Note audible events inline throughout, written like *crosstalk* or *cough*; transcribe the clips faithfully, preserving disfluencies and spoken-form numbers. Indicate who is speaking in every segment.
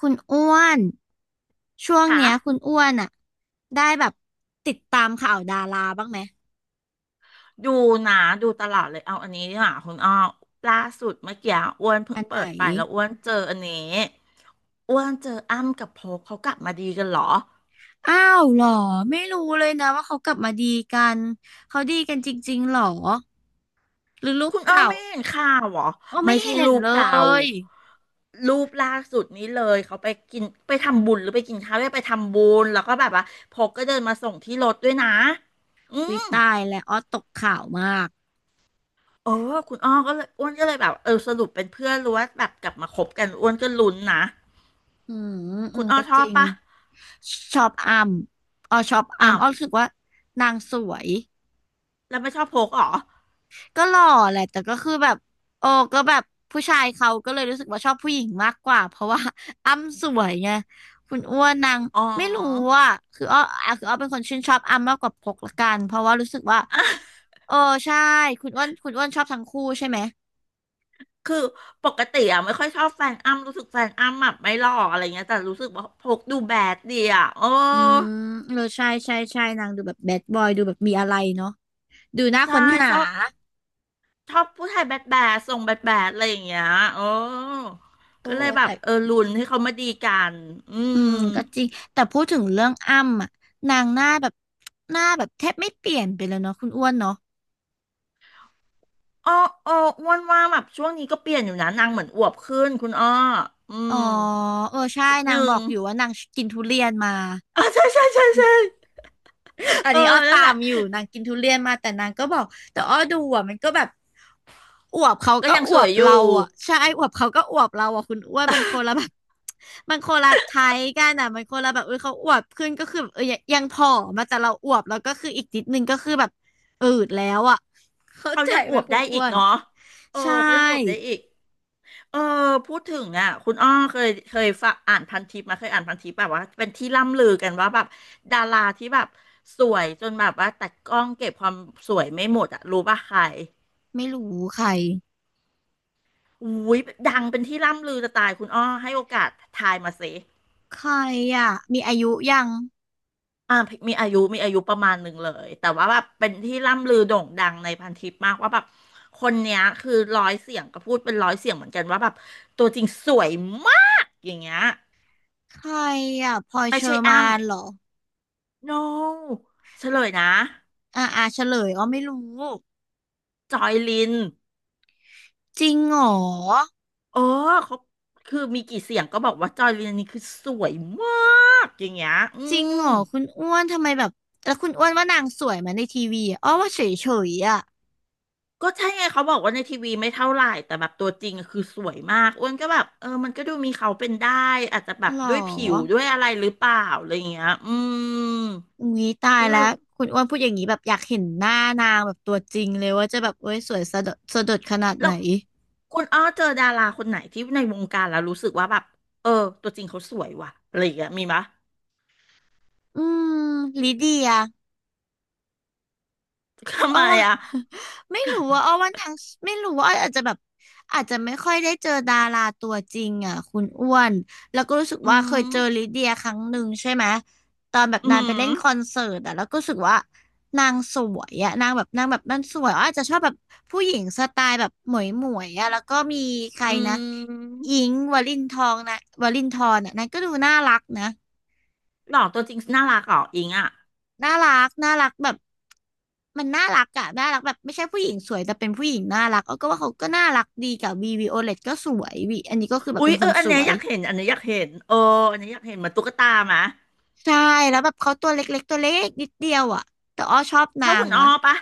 Speaker 1: คุณอ้วนช่วง
Speaker 2: ค่ะ
Speaker 1: เนี้ยคุณอ้วนอะได้แบบติดตามข่าวดาราบ้างไหม
Speaker 2: ดูนะ ดูตลอดเลยเอาอันนี้ดีกว่าคุณอ้อล่าสุดเมื่อกี้อ้วนเพิ่
Speaker 1: อั
Speaker 2: ง
Speaker 1: นไห
Speaker 2: เปิ
Speaker 1: น
Speaker 2: ดไปแล้วอ้วนเจออันนี้อ้วนเจออ้ำกับโพกเขากลับมาดีกันเหรอ
Speaker 1: อ้าวเหรอไม่รู้เลยนะว่าเขากลับมาดีกันเขาดีกันจริงๆหรอหรือรูป
Speaker 2: คุณอ้อ
Speaker 1: เก่า
Speaker 2: ไม่เห็นข่าวเหรอ
Speaker 1: อกอ
Speaker 2: ไม่
Speaker 1: ไม่
Speaker 2: ใช่
Speaker 1: เห็
Speaker 2: รู
Speaker 1: น
Speaker 2: ป
Speaker 1: เล
Speaker 2: เก่า
Speaker 1: ย
Speaker 2: รูปล่าสุดนี้เลยเขาไปกินไปทำบุญหรือไปกินข้าวด้วยไปทำบุญแล้วก็แบบว่าโพกก็เดินมาส่งที่รถด้วยนะอื
Speaker 1: วิ
Speaker 2: ม
Speaker 1: ตายแล้วอ้อตกข่าวมาก
Speaker 2: เออคุณอ้อก็เลยอ้วนก็เลยแบบเออสรุปเป็นเพื่อนหรู้ว่าแบบกลับมาคบกันอ้วนก็ลุ้นนะ
Speaker 1: อืมอื
Speaker 2: คุ
Speaker 1: ม
Speaker 2: ณอ้อ
Speaker 1: ก็
Speaker 2: ช
Speaker 1: จ
Speaker 2: อบ
Speaker 1: ริง
Speaker 2: ปะ
Speaker 1: ชอบอัมอ้อชอบอั
Speaker 2: อ้า
Speaker 1: ม
Speaker 2: ว
Speaker 1: อ้อรู้สึกว่านางสวย
Speaker 2: แล้วไม่ชอบโพกเหรอ
Speaker 1: ก็หล่อแหละแต่ก็คือแบบโอ้ก็แบบผู้ชายเขาก็เลยรู้สึกว่าชอบผู้หญิงมากกว่าเพราะว่า *laughs* อ้ำสวยไงคุณอ้วนนาง
Speaker 2: อ๋อ
Speaker 1: ไม่รู้อ่ะคืออ้ออ่ะคืออ้อเป็นคนชื่นชอบอ้ำมากกว่าพกละกันเพราะว่ารู้สึกว่า
Speaker 2: *laughs* อ่ะ
Speaker 1: โอ้ใช่คุณอ้วนคุณอ้วนชอบทั้งคู่ใช่ไหม
Speaker 2: คือปกติอ่ะไม่ค่อยชอบแฟนอ้ำรู้สึกแฟนอ้ำแบบไม่หล่ออะไรเงี้ยแต่รู้สึกว่าโพกดูแบดดีอ่ะโอ้
Speaker 1: อืมเออใช่ใช่ใช่นางดูแบบแบดบอยดูแบบมีอะไรเนาะดูน่า
Speaker 2: ใช่
Speaker 1: ค้นหา
Speaker 2: ชอบชอบผู้ชายแบดแบดทรงแบดแบดอะไรอย่างเงี้ยโอ้
Speaker 1: โอ้
Speaker 2: ก็เลยแบ
Speaker 1: แต่
Speaker 2: บเออลุ้นให้เขามาดีกัน อื
Speaker 1: อืม
Speaker 2: ม
Speaker 1: ก็จริงแต่พูดถึงเรื่องอ้ำอ่ะนางหน้าแบบหน้าแบบแทบไม่เปลี่ยนไปเลยเนาะคุณอ้วนเนาะ
Speaker 2: อ้ออ้ออ้วนว่าแบบช่วงนี้ก็เปลี่ยนอยู่นะนางเหมือนอวบขึ้นคุณอ้ออื
Speaker 1: อ๋อ
Speaker 2: ม
Speaker 1: เออใช่
Speaker 2: นิด
Speaker 1: นาง
Speaker 2: นึ
Speaker 1: บ
Speaker 2: ง
Speaker 1: อกอยู่ว่านางกินทุเรียนมา
Speaker 2: *laughs* อ๋อใช่ใช่ใช่ใช่
Speaker 1: *laughs* อัน
Speaker 2: เออ
Speaker 1: นี้อ้อ
Speaker 2: นั่
Speaker 1: ตา
Speaker 2: นแหละ
Speaker 1: มอยู่นางกินทุเรียนมาแต่นางก็บอกแต่อ้อดูอ่ะมันก็แบบอวบเขา
Speaker 2: ก็
Speaker 1: ก็
Speaker 2: ยัง
Speaker 1: อ
Speaker 2: ส
Speaker 1: ว
Speaker 2: วย
Speaker 1: บ
Speaker 2: อยู่
Speaker 1: เราอ่ะใช่อวบเขาก็อวบเราอ่ะคุณอ้วนมันคนละแบบ *laughs* มันคนละไทยกันอ่ะมันคนละแบบเออเขาอวบขึ้นก็คือเออยังยังผอมมาแต่เราอวบแล้วก็คืออีกนิดนึงก็คือแบบอืดแล้วอ่ะ *laughs* เข้า
Speaker 2: เขา
Speaker 1: ใจ
Speaker 2: ยังอ
Speaker 1: ไหม
Speaker 2: วบ
Speaker 1: คุณ
Speaker 2: ได้
Speaker 1: อ้
Speaker 2: อี
Speaker 1: ว
Speaker 2: ก
Speaker 1: น
Speaker 2: เนาะเออ
Speaker 1: ใช่
Speaker 2: เขายังอวบได้อีกเออพูดถึงอ่ะคุณอ้อเคยเคยฝากอ่านพันทิปมาเคยอ่านพันทิปแบบว่าเป็นที่ล่ำลือกันว่าแบบดาราที่แบบสวยจนแบบว่าแต่กล้องเก็บความสวยไม่หมดอ่ะรู้ป่ะใคร
Speaker 1: ไม่รู้ใคร
Speaker 2: อุ้ยดังเป็นที่ล่ำลือจะตายคุณอ้อให้โอกาสทายมาสิ
Speaker 1: ใครอ่ะมีอายุยัง
Speaker 2: อ่ามีอายุมีอายุประมาณหนึ่งเลยแต่ว่าแบบเป็นที่ล่ำลือโด่งดังในพันทิปมากว่าแบบคนเนี้ยคือร้อยเสียงก็พูดเป็นร้อยเสียงเหมือนกันว่าแบบตัวจริงสวยมากอย่างเงี้ย
Speaker 1: ใครอ่ะพลอย
Speaker 2: ไม่
Speaker 1: เชอ
Speaker 2: ใช่
Speaker 1: ร์
Speaker 2: อ้
Speaker 1: มานเหรอ
Speaker 2: ำ no เฉลยนะ
Speaker 1: อ่าอ่าเฉลยอ๋อไม่รู้
Speaker 2: จอยลิน
Speaker 1: จริงเหรอ
Speaker 2: เออเขาคือมีกี่เสียงก็บอกว่าจอยลินนี่คือสวยมากอย่างเงี้ยอื
Speaker 1: จริงเหร
Speaker 2: ม
Speaker 1: อคุณอ้วนทำไมแบบแล้วคุณอ้วนว่านางสวยไหมาในทีวีอะอ้อว่าเฉยเฉยอ่ะ
Speaker 2: ก็ใช่ไงเขาบอกว่าในทีวีไม่เท่าไหร่แต่แบบตัวจริงอะคือสวยมากอ้วนก็แบบเออมันก็ดูมีเขาเป็นได้อาจจะแบบ
Speaker 1: หร
Speaker 2: ด้
Speaker 1: อ
Speaker 2: วยผิวด้วยอะไรหรือเปล่าอะไรอย่างเงี้ยอืม
Speaker 1: อุ้ยตาย
Speaker 2: ก็เล
Speaker 1: แล้ว
Speaker 2: ย
Speaker 1: คุณอ้วนพูดอย่างนี้แบบอยากเห็นหน้านางแบบตัวจริงเลยว่าจะแบบเอ้ยสวยสะดดสะดดขนาด
Speaker 2: แล้
Speaker 1: ไหน
Speaker 2: วคุณอ้อเจอดาราคนไหนที่ในวงการแล้วรู้สึกว่าแบบเออตัวจริงเขาสวยว่ะอะไรอย่างเงี้ยมีปะ
Speaker 1: อืมลิเดีย
Speaker 2: ทำ
Speaker 1: อ้อ
Speaker 2: ไม
Speaker 1: ว่า
Speaker 2: อ่ะ
Speaker 1: *laughs* ไม่รู้ว่าอ้อว่าทางไม่รู้ว่าอ้ออาจจะแบบอาจจะไม่ค่อยได้เจอดาราตัวจริงอ่ะคุณอ้วนแล้วก็รู้สึก
Speaker 2: อื
Speaker 1: ว่าเคย
Speaker 2: ม
Speaker 1: เจอลิเดียครั้งหนึ่งใช่ไหมตอนแบบ
Speaker 2: อื
Speaker 1: นางไปเล่น
Speaker 2: ม
Speaker 1: คอนเสิร์ตอ่ะแล้วก็รู้สึกว่านางสวยอ่ะนางแบบนางแบบมันสวยอ้ออาจจะชอบแบบผู้หญิงสไตล์แบบหมวยหมวยอ่ะแล้วก็มีใคร
Speaker 2: อื
Speaker 1: นะอิ
Speaker 2: ม
Speaker 1: งค์วลินทองนะวลินทรนอ่ะนางก็ดูน่ารักนะ
Speaker 2: หล่อตัวจริงน่ารักเหรออิงอ่ะ
Speaker 1: น่ารักน่ารักแบบมันน่ารักอะน่ารักแบบไม่ใช่ผู้หญิงสวยแต่เป็นผู้หญิงน่ารักเออก็ว่าเขาก็น่ารักดีกับวีวีโอเลตก็สวยวีอันนี้ก็คือแบบ
Speaker 2: อุ๊
Speaker 1: เป็
Speaker 2: ย
Speaker 1: นค
Speaker 2: เออ
Speaker 1: น
Speaker 2: อั
Speaker 1: ส
Speaker 2: นเนี้ย
Speaker 1: ว
Speaker 2: อ
Speaker 1: ย
Speaker 2: ยากเห็นอันเนี้ยอยากเห็นเอออันเนี้ยอยากเห็นเหมือนตุ๊กตาไหม
Speaker 1: ใช่แล้วแบบเขาตัวเล็กๆตัวเล็กนิดเดียวอะแต่อ้อชอบนา
Speaker 2: เท่า
Speaker 1: ง
Speaker 2: คุณอ้
Speaker 1: นะ
Speaker 2: อปะ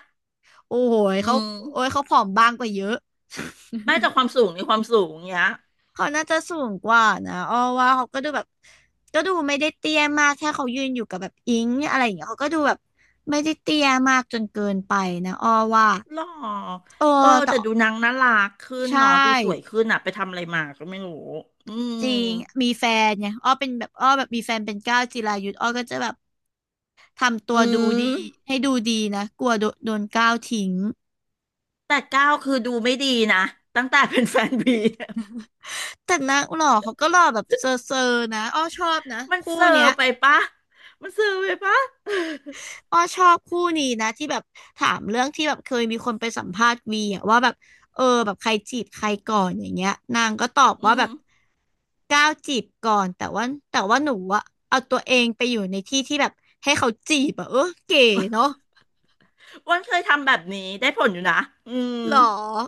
Speaker 1: โอ้โหย
Speaker 2: อื
Speaker 1: เขา
Speaker 2: ม
Speaker 1: โอ้ยเขาผอมบางกว่าเยอะ
Speaker 2: ได้จากความสูงในความสูงเนี้ย
Speaker 1: *laughs* เขาน่าจะสูงกว่านะอ้อว่าเขาก็ดูแบบก็ดูไม่ได้เตี้ยมากแค่เขายืนอยู่กับแบบอิงอะไรอย่างเงี้ยเขาก็ดูแบบไม่ได้เตี้ยมากจนเกินไปนะอ้อว่า
Speaker 2: หรอ
Speaker 1: เออ
Speaker 2: เออ
Speaker 1: แต่
Speaker 2: แต่ดูนางน่ารักขึ้น
Speaker 1: ใช่
Speaker 2: เนาะดูสวยขึ้นอะไปทำอะไรมาก็ไม่รู้อืม
Speaker 1: จริงมีแฟนไงอ้อเป็นแบบอ้อแบบมีแฟนเป็นก้าวจิรายุทธอ้อก็จะแบบทำตัว
Speaker 2: อื
Speaker 1: ดู
Speaker 2: ม
Speaker 1: ดีให้ดูดีนะกลัวโดโดนก้าวทิ้ง
Speaker 2: แต่ก้าวคือดูไม่ดีนะตั้งแต่เป็นแฟนบี *laughs*
Speaker 1: แต่นางหล่อเขาก็หล่อแบบเซอร์เซอร์นะอ้อชอบนะ
Speaker 2: มัน
Speaker 1: คู่
Speaker 2: เซอ
Speaker 1: เนี้ย
Speaker 2: ร์ไปปะมันเซอร์ไปปะ
Speaker 1: อ้อชอบคู่นี้นะที่แบบถามเรื่องที่แบบเคยมีคนไปสัมภาษณ์วีอะว่าแบบเออแบบใครจีบใครก่อนอย่างเงี้ยนางก็ตอบ
Speaker 2: *laughs* อื
Speaker 1: ว่าแบ
Speaker 2: ม
Speaker 1: บก้าวจีบก่อนแต่ว่าแต่ว่าหนูอะเอาตัวเองไปอยู่ในที่ที่แบบให้เขาจีบอะเออเก๋เนาะ
Speaker 2: อ้วันเคยทำแบบนี้ได้ผลอยู่นะอืม
Speaker 1: หรอ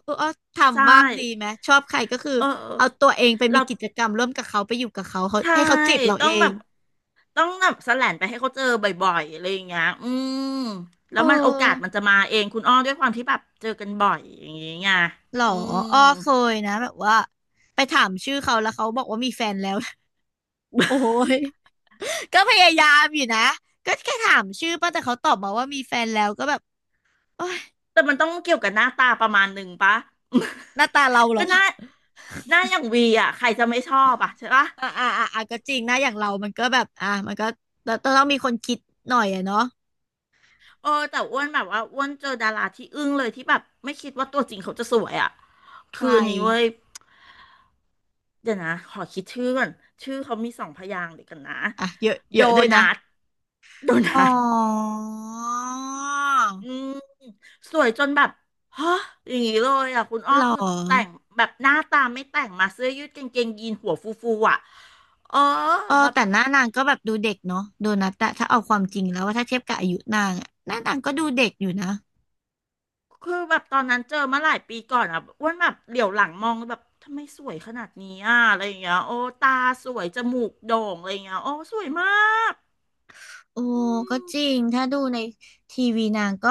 Speaker 1: เอออ้อ
Speaker 2: ใช่
Speaker 1: ทำบ้างดีไหมชอบใครก็คือ
Speaker 2: เออ
Speaker 1: เอาตัวเองไปมี
Speaker 2: เรา
Speaker 1: กิจกรรมร่วมกับเขาไปอยู่กับเขาเขา
Speaker 2: ใช่
Speaker 1: ให้เขาจีบเรา
Speaker 2: ต้อ
Speaker 1: เอ
Speaker 2: งแบ
Speaker 1: ง
Speaker 2: บต้องแบบแสแลนไปให้เขาเจอบ่อยๆอะไรอย่างเงี้ยอืมแล้
Speaker 1: เอ
Speaker 2: วมันโอกาสมัน
Speaker 1: อ
Speaker 2: จะมาเองคุณอ้อด้วยความที่แบบเจอกันบ่อยอย่างเงี้ย
Speaker 1: หรอ
Speaker 2: อืม
Speaker 1: อ้อเคยนะแบบว่าไปถามชื่อเขาแล้วเขาบอกว่ามีแฟนแล้ว *laughs* โอ้
Speaker 2: *laughs*
Speaker 1: ย *laughs* ก็พยายามอยู่นะก็แค่ถามชื่อป่ะแต่เขาตอบมาว่ามีแฟนแล้วก็แบบโอ้ย
Speaker 2: แต่มันต้องเกี่ยวกับหน้าตาประมาณหนึ่งปะ
Speaker 1: หน้าตาเรา
Speaker 2: *laughs*
Speaker 1: เหร
Speaker 2: ก็
Speaker 1: อ
Speaker 2: หน้าหน้าอย่างวีอ่ะใครจะไม่ชอบอ่ะใช่ปะ
Speaker 1: อ่าอ่าอ่าอ่ะก็จริงนะอย่างเรามันก็แบบอ่ะมันก็ต้องมีคนคิดหน่อยอะเนาะ
Speaker 2: เออแต่อ้วนแบบว่าอ้วนเจอดาราที่อึ้งเลยที่แบบไม่คิดว่าตัวจริงเขาจะสวยอ่ะ
Speaker 1: ใค
Speaker 2: คื
Speaker 1: ร
Speaker 2: ออันนี้เว้ยเดี๋ยวนะขอคิดชื่อก่อนชื่อเขามีสองพยางค์เดี๋ยวกันนะ
Speaker 1: อ่ะเยอะเย
Speaker 2: โด
Speaker 1: อะด้วยนะ
Speaker 2: นัท โดนั
Speaker 1: อ๋อ
Speaker 2: ทอืม สวยจนแบบฮะอย่างนี้เลยอ่ะคุณอ้อ
Speaker 1: หร
Speaker 2: คือแต่ง
Speaker 1: อ
Speaker 2: แบบหน้าตาไม่แต่งมาเสื้อยืดกางเกงยีนหัวฟูๆอ่ะเออ
Speaker 1: เออ
Speaker 2: แบบ
Speaker 1: แต่หน้านางก็แบบดูเด็กเนาะโดนัทอะถ้าเอาความจริงแล้วว่าถ้าเทียบกับอายุนางอะหน้านางก็ดูเด็กอยู่นะ
Speaker 2: คือแบบตอนนั้นเจอมาหลายปีก่อนอ่ะอ้วนแบบเหลียวหลังมองแบบทำไมสวยขนาดนี้อ่ะอะไรอย่างเงี้ยโอ้ตาสวยจมูกโด่งอะไรอย่างเงี้ยโอ้สวยมาก
Speaker 1: โอ้
Speaker 2: อื
Speaker 1: ก็
Speaker 2: ม
Speaker 1: จริงถ้าดูในทีวีนางก็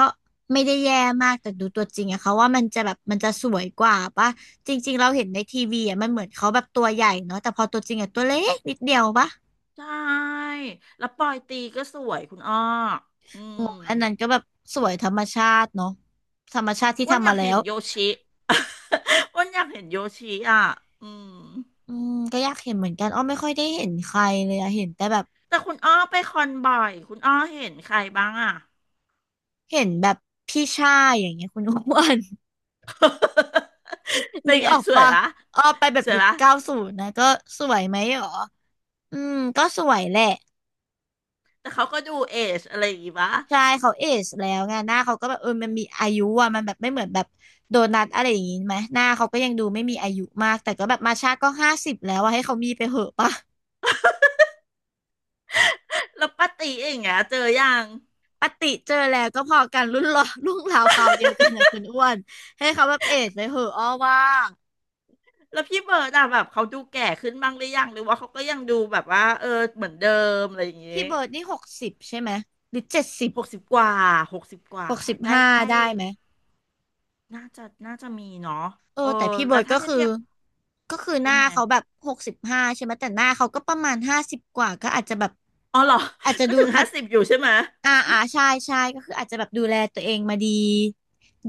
Speaker 1: ไม่ได้แย่มากแต่ดูตัวจริงอะเขาว่ามันจะแบบมันจะสวยกว่าปะจริงๆเราเห็นในทีวีอะมันเหมือนเขาแบบตัวใหญ่เนาะแต่พอตัวจริงอะตัวเล็กนิดเดียวปะ
Speaker 2: ใช่แล้วปอยตีก็สวยคุณอ้ออืม
Speaker 1: งออันนั้นก็แบบสวยธรรมชาติเนาะธรรมชาติที่
Speaker 2: อ้วนอ
Speaker 1: ทำ
Speaker 2: ยา
Speaker 1: มา
Speaker 2: ก
Speaker 1: แล้
Speaker 2: เห็น
Speaker 1: ว
Speaker 2: โยชิ *laughs* อ้วนอยากเห็นโยชิอ่ะอืม
Speaker 1: อืมก็อยากเห็นเหมือนกันอ้อไม่ค่อยได้เห็นใครเลยอะเห็นแต่แบบ
Speaker 2: แต่คุณอ้อไปคอนบ่อยคุณอ้อเห็นใครบ้างอ่ะ
Speaker 1: เห็นแบบพี่ชายอย่างเงี้ยคุณอ้วน
Speaker 2: *laughs*
Speaker 1: *laughs*
Speaker 2: เป็
Speaker 1: นึ
Speaker 2: น
Speaker 1: ก
Speaker 2: ไง
Speaker 1: ออก
Speaker 2: สวย
Speaker 1: ปะ
Speaker 2: ปะ
Speaker 1: อ้อไปแบบ
Speaker 2: สวย
Speaker 1: ยุค
Speaker 2: ปะ
Speaker 1: เก้าศูนย์นะก็สวยไหมหรออืมก็สวยแหละ
Speaker 2: แต่เขาก็ดูเอจอะไรอย่างงี้ปะ
Speaker 1: ใช่เขาเอจแล้วไงหน้าเขาก็แบบเออมันมีอายุอะมันแบบไม่เหมือนแบบโดนัทอะไรอย่างงี้ไหมหน้าเขาก็ยังดูไม่มีอายุมากแต่ก็แบบมาชาก็ห้าสิบแล้วอะให้เขามีไปเหอะปะ
Speaker 2: แล้วป้าตีเอย่างเงี้ยเจอยัง
Speaker 1: ปฏิเจอแล้วก็พอกันรุ่นรอ *laughs* รุ่นราวคราวเดียวกันนะคุณอ้วนให้เขาแบบเอจไปเหอะอ้อว่า
Speaker 2: แล้วพี่เบิร์ดอะแบบเขาดูแก่ขึ้นบ้างหรือยังหรือว่าเขาก็ยังดูแบบว่าเออเหมือนเดิมอะไรอย่างงี้
Speaker 1: พี่เบิร์ดนี่หกสิบใช่ไหมหรือเจ็ดสิบ
Speaker 2: หกสิบกว่าหกสิบกว่า
Speaker 1: หกสิบ
Speaker 2: ใกล้
Speaker 1: ห้า
Speaker 2: ใกล้
Speaker 1: ได้ไหม
Speaker 2: น่าจะน่าจะมีเนาะ
Speaker 1: เออ
Speaker 2: เออ
Speaker 1: แต่พี่เบิ
Speaker 2: แล้ว
Speaker 1: ร์ด
Speaker 2: ถ้า
Speaker 1: ก็
Speaker 2: เทียบ
Speaker 1: คือ
Speaker 2: เทียบ
Speaker 1: ก็คือห
Speaker 2: เป็น
Speaker 1: น้า
Speaker 2: ไง
Speaker 1: เขาแบบหกสิบห้าใช่ไหมแต่หน้าเขาก็ประมาณห้าสิบกว่าก็อาจจะแบบ
Speaker 2: อ๋อเหรอ
Speaker 1: อาจ
Speaker 2: *laughs*
Speaker 1: จะ
Speaker 2: ก็
Speaker 1: ดู
Speaker 2: ถึง
Speaker 1: อา
Speaker 2: ห้าสิบอยู่ใช่ไหม
Speaker 1: อ่าอ่าใช่ใช่ก็คืออาจจะแบบดูแลตัวเองมาดี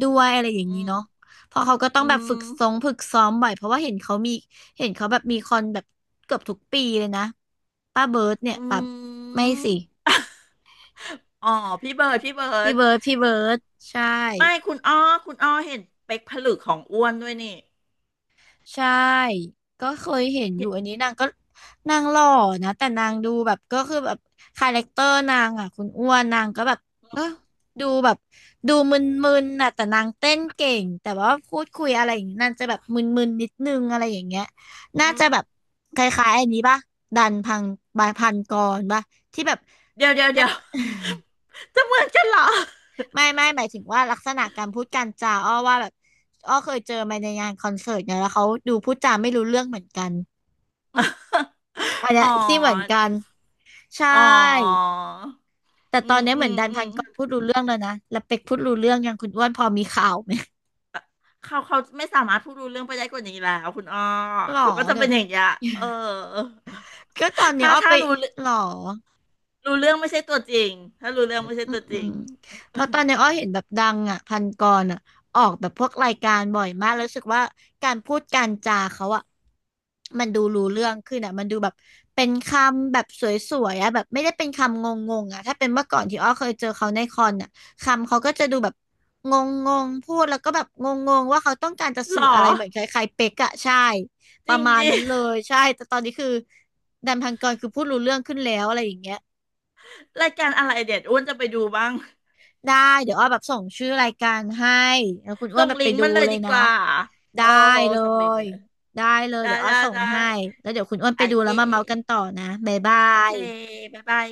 Speaker 1: ด้วยอะไรอย่าง
Speaker 2: อื
Speaker 1: นี้
Speaker 2: ม
Speaker 1: เนาะเพราะเขาก็ต้อ
Speaker 2: อื
Speaker 1: งแบบฝึก
Speaker 2: ม
Speaker 1: ซงฝึกซ้อมบ่อยเพราะว่าเห็นเขามีเห็นเขาแบบมีคอนแบบเกือบทุกปีเลยนะป้าเบิร์ดเนี่
Speaker 2: อื
Speaker 1: ยป้าไม่
Speaker 2: ม
Speaker 1: สิ
Speaker 2: *laughs* อ๋อพี่เบิร์ดพี่เบิร์
Speaker 1: พี่
Speaker 2: ด
Speaker 1: เบิร์ดพี่เบิร์ดใช่
Speaker 2: ไม่คุณอ้อคุณอ้อเห็นเป๊กผลึกของอ้วนด้วยนี่
Speaker 1: ใช่ ก็เคยเห็นอยู่
Speaker 2: เดี๋ยว
Speaker 1: อันนี้นางก็นางหล่อนะแต่นางดูแบบก็คือแบบคาแรคเตอร์นางอ่ะคุณอ้วนนางก็แบบเออดูแบบดูมึนๆน่ะแต่นางเต้นเก่งแต่ว่าพูดคุยอะไรอย่างนี้นางจะแบบมึนๆนิดนึงอะไรอย่างเงี้ยน่า
Speaker 2: อื
Speaker 1: จะแบบ
Speaker 2: ม
Speaker 1: คล้ายๆอันนี้ป่ะดันพังบายพันกรป่ะที่แบบ
Speaker 2: เดี๋ยวเดี๋ยว
Speaker 1: *laughs* นั่
Speaker 2: เดี๋ยว
Speaker 1: น
Speaker 2: *laughs* จะเหมือนกันเหรอ
Speaker 1: ไม่ไม่หมายถึงว่าลักษณะการพูดการจาอ้อว่าแบบอ้อเคยเจอมาในงานคอนเสิร์ตเนี่ยแล้วเขาดูพูดจาไม่รู้เรื่องเหมือนกันอันเนี้
Speaker 2: อ๋
Speaker 1: ย
Speaker 2: อ
Speaker 1: ที่เหมือนกันใช
Speaker 2: อ๋อ
Speaker 1: ่แต่
Speaker 2: อื
Speaker 1: ตอน
Speaker 2: ม
Speaker 1: เนี้ย
Speaker 2: อื
Speaker 1: เหมือน
Speaker 2: ม
Speaker 1: ดัน
Speaker 2: อื
Speaker 1: พัน
Speaker 2: ม
Speaker 1: กรพูดรู้เรื่องแล้วนะแล้วเป็กพูดรู้เรื่องยังคุณอ้วนพอมีข่าวไหม
Speaker 2: เขาเขาไม่สามารถพูดรู้เรื่องไปได้กว่านี้แล้วคุณอ้อ
Speaker 1: หรอ
Speaker 2: เขาก็จะ
Speaker 1: เดี๋ย
Speaker 2: เป็
Speaker 1: ว
Speaker 2: นอย่างเงี้ยเออ
Speaker 1: *laughs* ก็ตอนเนี้ย
Speaker 2: ถ้า
Speaker 1: อ้อ
Speaker 2: ถ้า
Speaker 1: ไป
Speaker 2: รู้
Speaker 1: หรอ
Speaker 2: รู้เรื่องไม่ใช่ตัวจริง ถ้ารู้เรื่องไม่ใช่
Speaker 1: อืม
Speaker 2: ตัวจ
Speaker 1: อื
Speaker 2: ริ
Speaker 1: ม
Speaker 2: ง
Speaker 1: เพราะตอนนี้
Speaker 2: *laughs*
Speaker 1: อ้อเห็นแบบดังอ่ะพันกรอ่ะออกแบบพวกรายการบ่อยมากแล้วรู้สึกว่าการพูดการจาเขาอ่ะมันดูรู้เรื่องขึ้นอ่ะมันดูแบบเป็นคำแบบสวยๆอ่ะแบบไม่ได้เป็นคำงงๆอ่ะถ้าเป็นเมื่อก่อนที่อ้อเคยเจอเขาในคอนอ่ะคำเขาก็จะดูแบบงงๆพูดแล้วก็แบบงงๆว่าเขาต้องการจะ
Speaker 2: หร
Speaker 1: สื่
Speaker 2: อ
Speaker 1: ออะไรเหมือนคล้ายๆเป๊กอ่ะใช่ป
Speaker 2: จริ
Speaker 1: ระ
Speaker 2: ง
Speaker 1: มาณ
Speaker 2: ดิ
Speaker 1: นั้นเลยใช่แต่ตอนนี้คือแดันพันกรคือพูดรู้เรื่องขึ้นแล้วอะไรอย่างเงี้ย
Speaker 2: รายการอะไรเด็ดอ้วนจะไปดูบ้าง
Speaker 1: ได้เดี๋ยวอ้อแบบส่งชื่อรายการให้แล้วคุณอ้ว
Speaker 2: ส่
Speaker 1: น
Speaker 2: ง
Speaker 1: แบบ
Speaker 2: ลิ
Speaker 1: ไป
Speaker 2: งก์
Speaker 1: ดู
Speaker 2: มันเลย
Speaker 1: เลย
Speaker 2: ดีก
Speaker 1: นะ
Speaker 2: ว่า โอ้
Speaker 1: ได้เล
Speaker 2: ส่งลิงก์มา
Speaker 1: ย
Speaker 2: เลย
Speaker 1: ได้เลย
Speaker 2: ได้
Speaker 1: เดี๋ยวอ้อ
Speaker 2: ได้
Speaker 1: ส่ง
Speaker 2: ได้
Speaker 1: ให้แล้วเดี๋ยวคุณอ้วน
Speaker 2: โอ
Speaker 1: ไปดู
Speaker 2: เค
Speaker 1: แล้วมาเมาส์กันต่อนะบ๊ายบา
Speaker 2: โอเค
Speaker 1: ย
Speaker 2: บ๊ายบาย